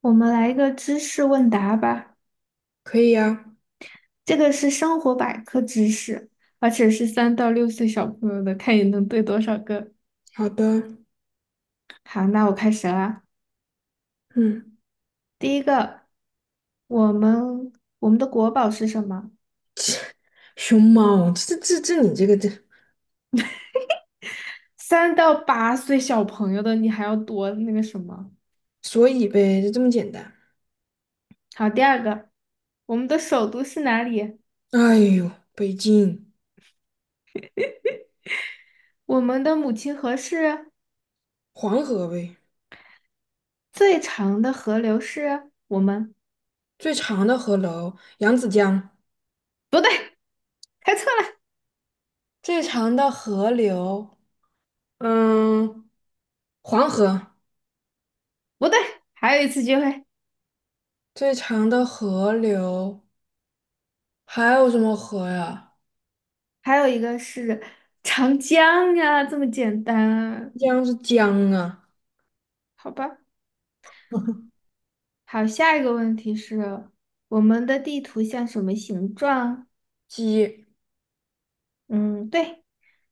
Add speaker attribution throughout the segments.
Speaker 1: 我们来一个知识问答吧，
Speaker 2: 可以呀。
Speaker 1: 这个是生活百科知识，而且是三到六岁小朋友的，看你能对多少个。
Speaker 2: 好的。
Speaker 1: 好，那我开始啦。
Speaker 2: 嗯。
Speaker 1: 第一个，我们我们的国宝是什么？
Speaker 2: 熊猫，这，
Speaker 1: 三到八岁小朋友的，你还要多那个什么？
Speaker 2: 所以呗，就这么简单。
Speaker 1: 好，第二个，我们的首都是哪里？
Speaker 2: 哎呦，北京。
Speaker 1: 我们的母亲河是
Speaker 2: 黄河呗。
Speaker 1: 最长的河流是我们。
Speaker 2: 最长的河流扬子江。
Speaker 1: 不对，开错了。
Speaker 2: 最长的河流，嗯，黄河。
Speaker 1: 不对，还有一次机会。
Speaker 2: 最长的河流还有什么河呀？
Speaker 1: 还有一个是长江呀，这么简单啊。
Speaker 2: 江是江啊。
Speaker 1: 好吧，好，下一个问题是我们的地图像什么形状？
Speaker 2: 鸡。
Speaker 1: 嗯，对。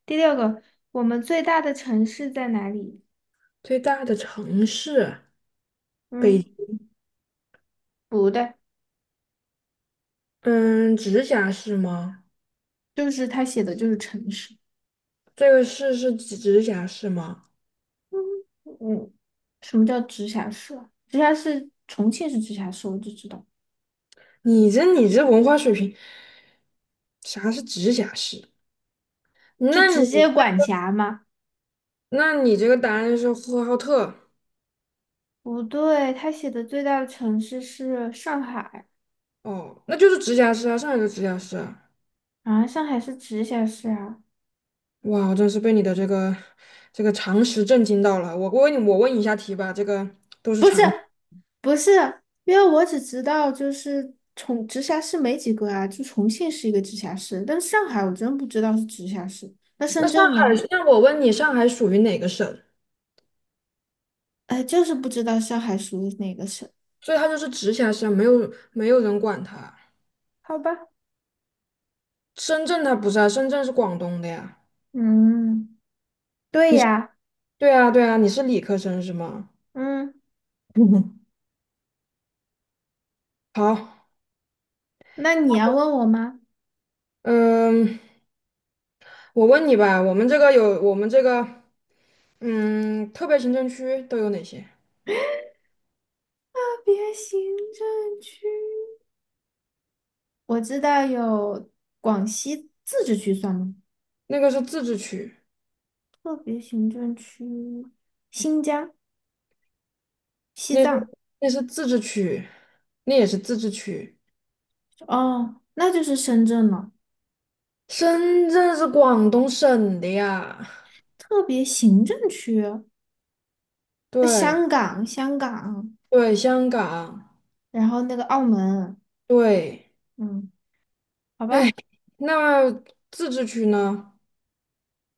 Speaker 1: 第六个，我们最大的城市在哪里？
Speaker 2: 最大的城市。北。
Speaker 1: 嗯，不对，
Speaker 2: 嗯，直辖市吗？
Speaker 1: 就是他写的就是城市。
Speaker 2: 这个市是直辖市吗？
Speaker 1: 嗯，什么叫直辖市啊直辖市，重庆是直辖市，我就知道，
Speaker 2: 你这你这文化水平，啥是直辖市？
Speaker 1: 就
Speaker 2: 那你
Speaker 1: 直接管辖吗？
Speaker 2: 那你这个答案是呼和浩特。
Speaker 1: 不对，他写的最大的城市是上海。
Speaker 2: 哦，那就是直辖市啊，上海的直辖市啊。
Speaker 1: 啊，上海是直辖市啊。
Speaker 2: 哇，我真是被你的这个常识震惊到了。我问你，我问一下题吧，这个。
Speaker 1: 不是。不是，因为我只知道就是重直辖市没几个啊，就重庆是一个直辖市，但是上海我真不知道是直辖市。那
Speaker 2: 那
Speaker 1: 深
Speaker 2: 上
Speaker 1: 圳
Speaker 2: 海，
Speaker 1: 呢？
Speaker 2: 那我问你，上海属于哪个省？
Speaker 1: 哎，就是不知道上海属于哪个省。
Speaker 2: 所以它就是直辖市啊，没有人管它。
Speaker 1: 好吧。
Speaker 2: 深圳它不是啊，深圳是广东的呀。
Speaker 1: 嗯，对呀。
Speaker 2: 对啊，你是理科生是吗？
Speaker 1: 嗯，
Speaker 2: 好。
Speaker 1: 那你要问我吗？
Speaker 2: 嗯。我问你吧，我们这个，嗯，特别行政区都有哪些？
Speaker 1: 特别行政区，我知道有广西自治区算吗？
Speaker 2: 那个是自治区。
Speaker 1: 特别行政区，新疆、西
Speaker 2: 那是
Speaker 1: 藏。
Speaker 2: 那是自治区，那也是自治区。
Speaker 1: 哦，那就是深圳了。
Speaker 2: 深圳是广东省的呀。
Speaker 1: 特别行政区。那
Speaker 2: 对。
Speaker 1: 香港，香港，
Speaker 2: 对，香港。
Speaker 1: 然后那个澳门。
Speaker 2: 对。
Speaker 1: 嗯，好吧。
Speaker 2: 那自治区呢？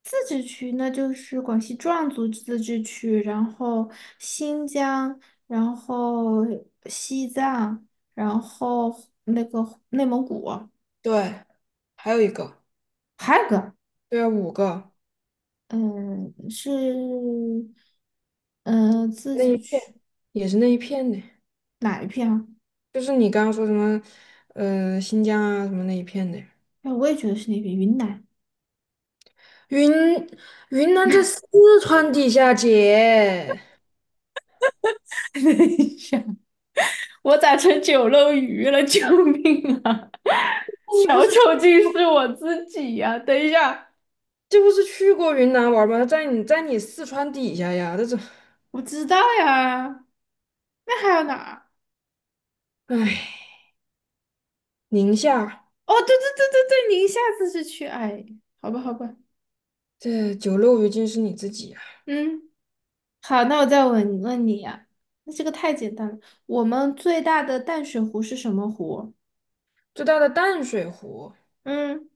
Speaker 1: 自治区那就是广西壮族自治区，然后新疆，然后西藏，然后那个内蒙古。
Speaker 2: 对，还有一个。
Speaker 1: 还有个。
Speaker 2: 对啊，五个。
Speaker 1: 嗯，是。嗯，自
Speaker 2: 那
Speaker 1: 治
Speaker 2: 一片
Speaker 1: 区
Speaker 2: 也是那一片的，
Speaker 1: 哪一片啊？
Speaker 2: 就是你刚刚说什么，新疆啊什么那一片的。
Speaker 1: 哎，我也觉得是那边云南。
Speaker 2: 云云南在四川底下，姐。
Speaker 1: 等一下，我咋成九漏鱼了？救命啊！
Speaker 2: 你不
Speaker 1: 小
Speaker 2: 是
Speaker 1: 丑竟是我自己呀、等一下，
Speaker 2: 这不是去过云南玩儿吗？在你在你四川底下呀，这，
Speaker 1: 我知道呀。那还有哪儿？
Speaker 2: 哎，宁夏。
Speaker 1: 哦，对对对对对，您下次是去哎，好吧好吧。
Speaker 2: 这九六鱼今是你自己啊！
Speaker 1: 嗯，好，那我再问问你呀、那这个太简单了。我们最大的淡水湖是什么湖？
Speaker 2: 最大的淡水湖。
Speaker 1: 嗯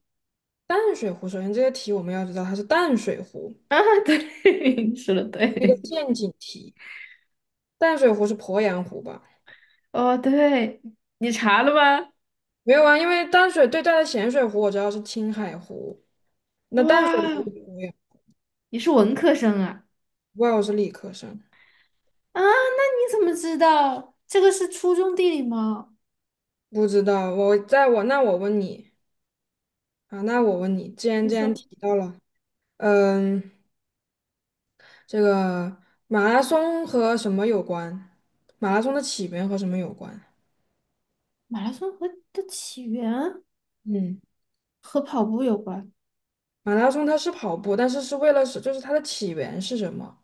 Speaker 2: 淡水湖，首先这个题我们要知道它是淡水湖，
Speaker 1: 啊，对，你说的对。
Speaker 2: 那个陷阱题。淡水湖是鄱阳湖吧？
Speaker 1: 哦，对，你查了吗？
Speaker 2: 没有啊，因为淡水最大的咸水湖我知道是青海湖，那淡水湖
Speaker 1: 哇，
Speaker 2: 是鄱阳。
Speaker 1: 你是文科生啊？
Speaker 2: 不知道，我是理科生。
Speaker 1: 啊，那你怎么知道？这个是初中地理吗？
Speaker 2: 不知道。我问你。啊，那我问你，既然
Speaker 1: 你
Speaker 2: 既然
Speaker 1: 说。
Speaker 2: 提到了，嗯，这个马拉松和什么有关？马拉松的起源和什么有关？
Speaker 1: 马拉松和的起源
Speaker 2: 嗯，
Speaker 1: 和跑步有关，
Speaker 2: 马拉松它是跑步，但是是为了是，就是它的起源是什么？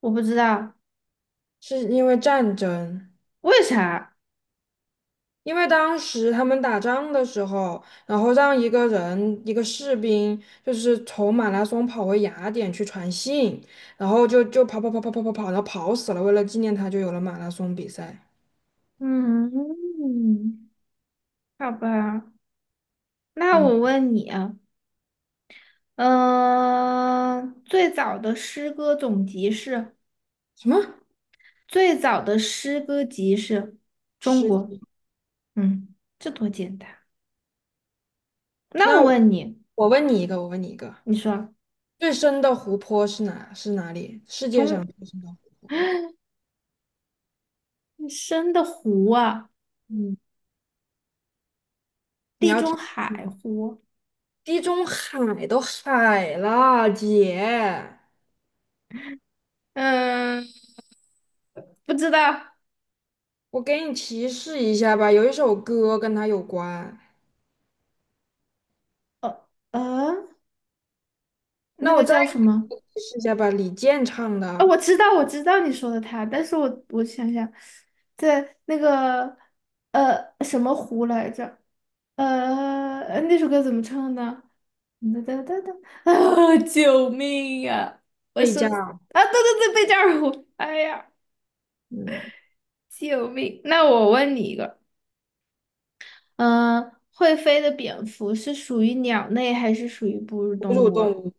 Speaker 1: 我不知道
Speaker 2: 是因为战争，
Speaker 1: 为啥。
Speaker 2: 因为当时他们打仗的时候，然后让一个人，一个士兵，就是从马拉松跑回雅典去传信，然后就跑，然后跑死了，为了纪念他，就有了马拉松比赛。
Speaker 1: 嗯，好吧，那
Speaker 2: 嗯。
Speaker 1: 我问你啊，嗯、最早的诗歌总集是
Speaker 2: 什么？
Speaker 1: 最早的诗歌集是中
Speaker 2: 是。
Speaker 1: 国。嗯，这多简单。那我
Speaker 2: 那我
Speaker 1: 问你，
Speaker 2: 我问你一个，我问你一个，
Speaker 1: 你说
Speaker 2: 最深的湖泊是哪里？世界上
Speaker 1: 中
Speaker 2: 最深的湖泊？
Speaker 1: 深的湖啊，
Speaker 2: 嗯，你
Speaker 1: 地
Speaker 2: 要
Speaker 1: 中
Speaker 2: 听
Speaker 1: 海
Speaker 2: 吗。
Speaker 1: 湖。
Speaker 2: 地中海都海了，姐。
Speaker 1: 嗯，不知道。
Speaker 2: 我给你提示一下吧，有一首歌跟它有关。
Speaker 1: 呃呃，那
Speaker 2: 那我
Speaker 1: 个
Speaker 2: 再
Speaker 1: 叫什么？
Speaker 2: 给你提示一下吧，李健唱
Speaker 1: 啊，我
Speaker 2: 的
Speaker 1: 知道，我知道你说的他，但是我想想，在那个什么湖来着？那首歌怎么唱呢？哒哒哒哒啊！救命呀、我
Speaker 2: 《睡
Speaker 1: 说
Speaker 2: 觉》。
Speaker 1: 啊，对对对，贝加尔湖，哎呀，
Speaker 2: 嗯。
Speaker 1: 救命！那我问你一个，嗯、会飞的蝙蝠是属于鸟类还是属于哺乳动
Speaker 2: 哺乳
Speaker 1: 物
Speaker 2: 动
Speaker 1: 啊？
Speaker 2: 物。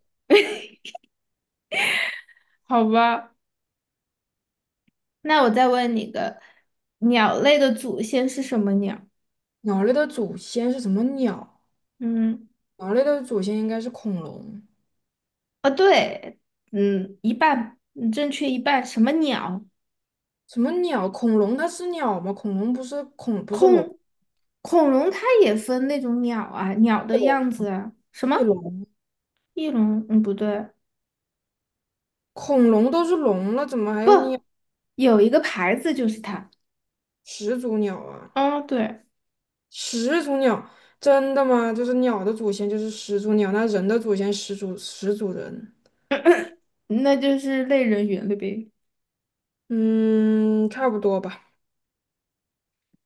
Speaker 1: 好吧，那我再问你一个，鸟类的祖先是什么鸟？
Speaker 2: 鸟类的祖先是什么鸟？
Speaker 1: 嗯。
Speaker 2: 鸟类的祖先应该是恐龙。
Speaker 1: 啊，对。嗯，一半，嗯正确一半。什么鸟？
Speaker 2: 什么鸟？恐龙它是鸟吗？恐龙不是龙。
Speaker 1: 恐恐龙它也分那种鸟啊，鸟的样子啊。什
Speaker 2: 翼
Speaker 1: 么
Speaker 2: 龙。
Speaker 1: 翼龙？嗯，不对，
Speaker 2: 恐龙都是龙了，怎么还有鸟？
Speaker 1: 有一个牌子就是它。
Speaker 2: 始祖鸟啊。
Speaker 1: 哦，对，
Speaker 2: 始祖鸟。真的吗？就是鸟的祖先就是始祖鸟，那人的祖先始祖人。
Speaker 1: 那就是类人猿了呗。
Speaker 2: 嗯，差不多吧。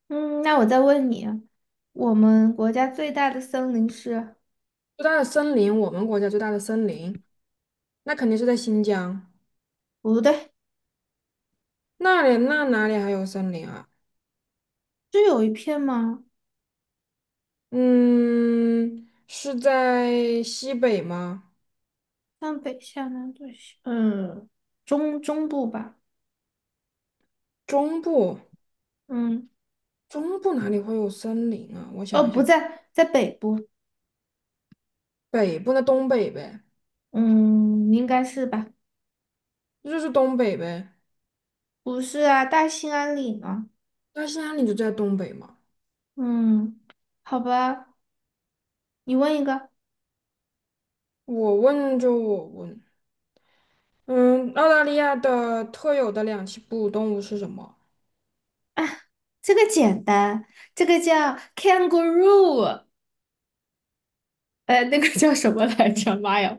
Speaker 1: 嗯，那我再问你啊，我们国家最大的森林是？
Speaker 2: 最大的森林，我们国家最大的森林，那肯定是在新疆。
Speaker 1: 不对，
Speaker 2: 那里哪里还有森林啊？
Speaker 1: 是有一片吗？
Speaker 2: 嗯，是在西北吗？
Speaker 1: 上北下南左西。嗯，中部吧。
Speaker 2: 中部。
Speaker 1: 嗯，
Speaker 2: 中部哪里会有森林啊？我
Speaker 1: 哦，
Speaker 2: 想一
Speaker 1: 不
Speaker 2: 想。
Speaker 1: 在，在北部。
Speaker 2: 北部那东北呗。
Speaker 1: 嗯，应该是吧？
Speaker 2: 那就是东北呗。
Speaker 1: 不是啊，大兴安岭啊。
Speaker 2: 那是在你就在东北嘛？
Speaker 1: 嗯，好吧，你问一个
Speaker 2: 我问，嗯，澳大利亚的特有的两栖哺乳动物是什么？
Speaker 1: 啊。这个简单，这个叫 kangaroo，那个叫什么来着？妈呀，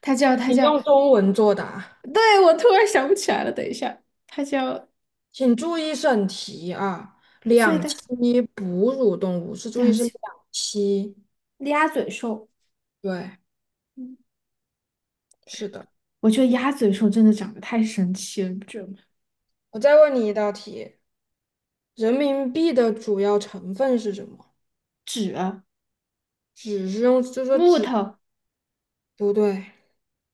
Speaker 1: 它叫它
Speaker 2: 请
Speaker 1: 叫，
Speaker 2: 用中文作答。
Speaker 1: 对，我突然想不起来了，等一下，它叫
Speaker 2: 请注意审题啊！
Speaker 1: 最
Speaker 2: 两
Speaker 1: 大
Speaker 2: 栖哺乳动物是注意
Speaker 1: 两
Speaker 2: 是两
Speaker 1: 栖
Speaker 2: 栖。
Speaker 1: 鸭嘴兽。
Speaker 2: 对，
Speaker 1: 嗯，
Speaker 2: 是的。
Speaker 1: 我觉得鸭嘴兽真的长得太神奇了，你不觉得吗？
Speaker 2: 我再问你一道题，人民币的主要成分是什么？
Speaker 1: 纸、
Speaker 2: 纸是用，就说
Speaker 1: 木
Speaker 2: 纸，
Speaker 1: 头，
Speaker 2: 不对，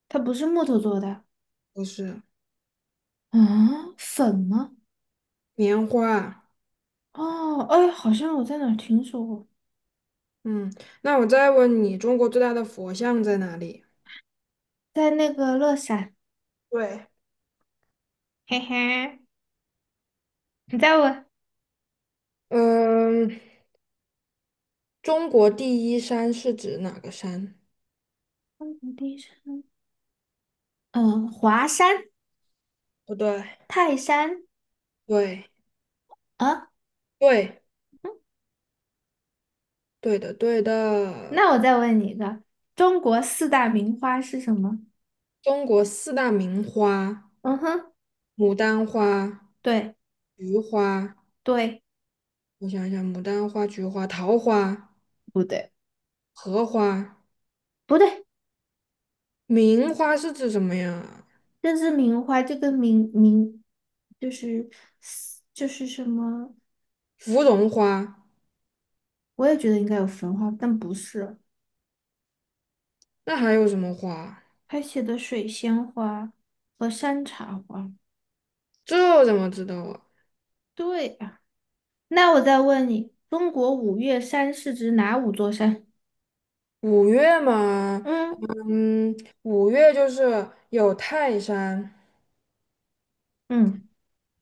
Speaker 1: 它不是木头做的啊？
Speaker 2: 不是。
Speaker 1: 粉吗？
Speaker 2: 棉花。
Speaker 1: 哦，哎，好像我在哪儿听说过。
Speaker 2: 嗯，那我再问你，中国最大的佛像在哪里？
Speaker 1: 在那个乐山。
Speaker 2: 对。
Speaker 1: 嘿嘿，你再问
Speaker 2: 嗯，中国第一山是指哪个山？
Speaker 1: 中国第一山。嗯，华山、
Speaker 2: 不对，
Speaker 1: 泰山
Speaker 2: 对。
Speaker 1: 啊。
Speaker 2: 对对的对的，
Speaker 1: 那我再问你一个，中国四大名花是什么？
Speaker 2: 中国四大名花：
Speaker 1: 嗯哼，
Speaker 2: 牡丹花、
Speaker 1: 对，
Speaker 2: 菊花。
Speaker 1: 对。
Speaker 2: 我想一想，牡丹花、菊花、桃花、
Speaker 1: 不对，
Speaker 2: 荷花。
Speaker 1: 不对，
Speaker 2: 名花是指什么呀？
Speaker 1: 这是名花，这个名名就是就是什么？
Speaker 2: 芙蓉花。
Speaker 1: 我也觉得应该有焚花，但不是，
Speaker 2: 那还有什么花？
Speaker 1: 他写的水仙花和山茶花。
Speaker 2: 这怎么知道啊？
Speaker 1: 对呀。那我再问你，中国五岳山是指哪五座山？
Speaker 2: 五月嘛。
Speaker 1: 嗯，
Speaker 2: 嗯，五月就是有泰山。
Speaker 1: 嗯，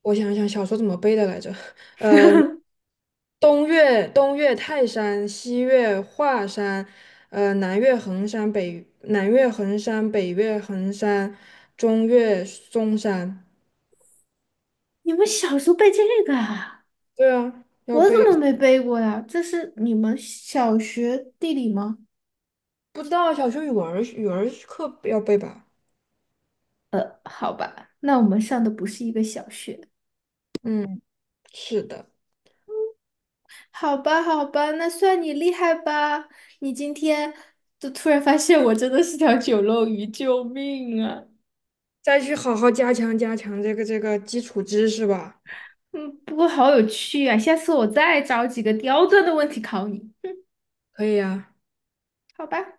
Speaker 2: 我想想，小说怎么背的来着？呃，东岳泰山，西岳华山，南岳衡山，北岳衡山，中岳嵩山。
Speaker 1: 你们小时候背这个啊？
Speaker 2: 对啊，要
Speaker 1: 我怎么
Speaker 2: 背。
Speaker 1: 没背过呀？这是你们小学地理吗？
Speaker 2: 不知道小学语文儿课要背吧？
Speaker 1: 好吧，那我们上的不是一个小学。
Speaker 2: 嗯，是的。
Speaker 1: 好吧，好吧，那算你厉害吧。你今天就突然发现我真的是条九漏鱼，救命啊！
Speaker 2: 再去好好加强这个基础知识吧。
Speaker 1: 嗯，不过好有趣啊，下次我再找几个刁钻的问题考你。
Speaker 2: 可以呀、
Speaker 1: 好吧。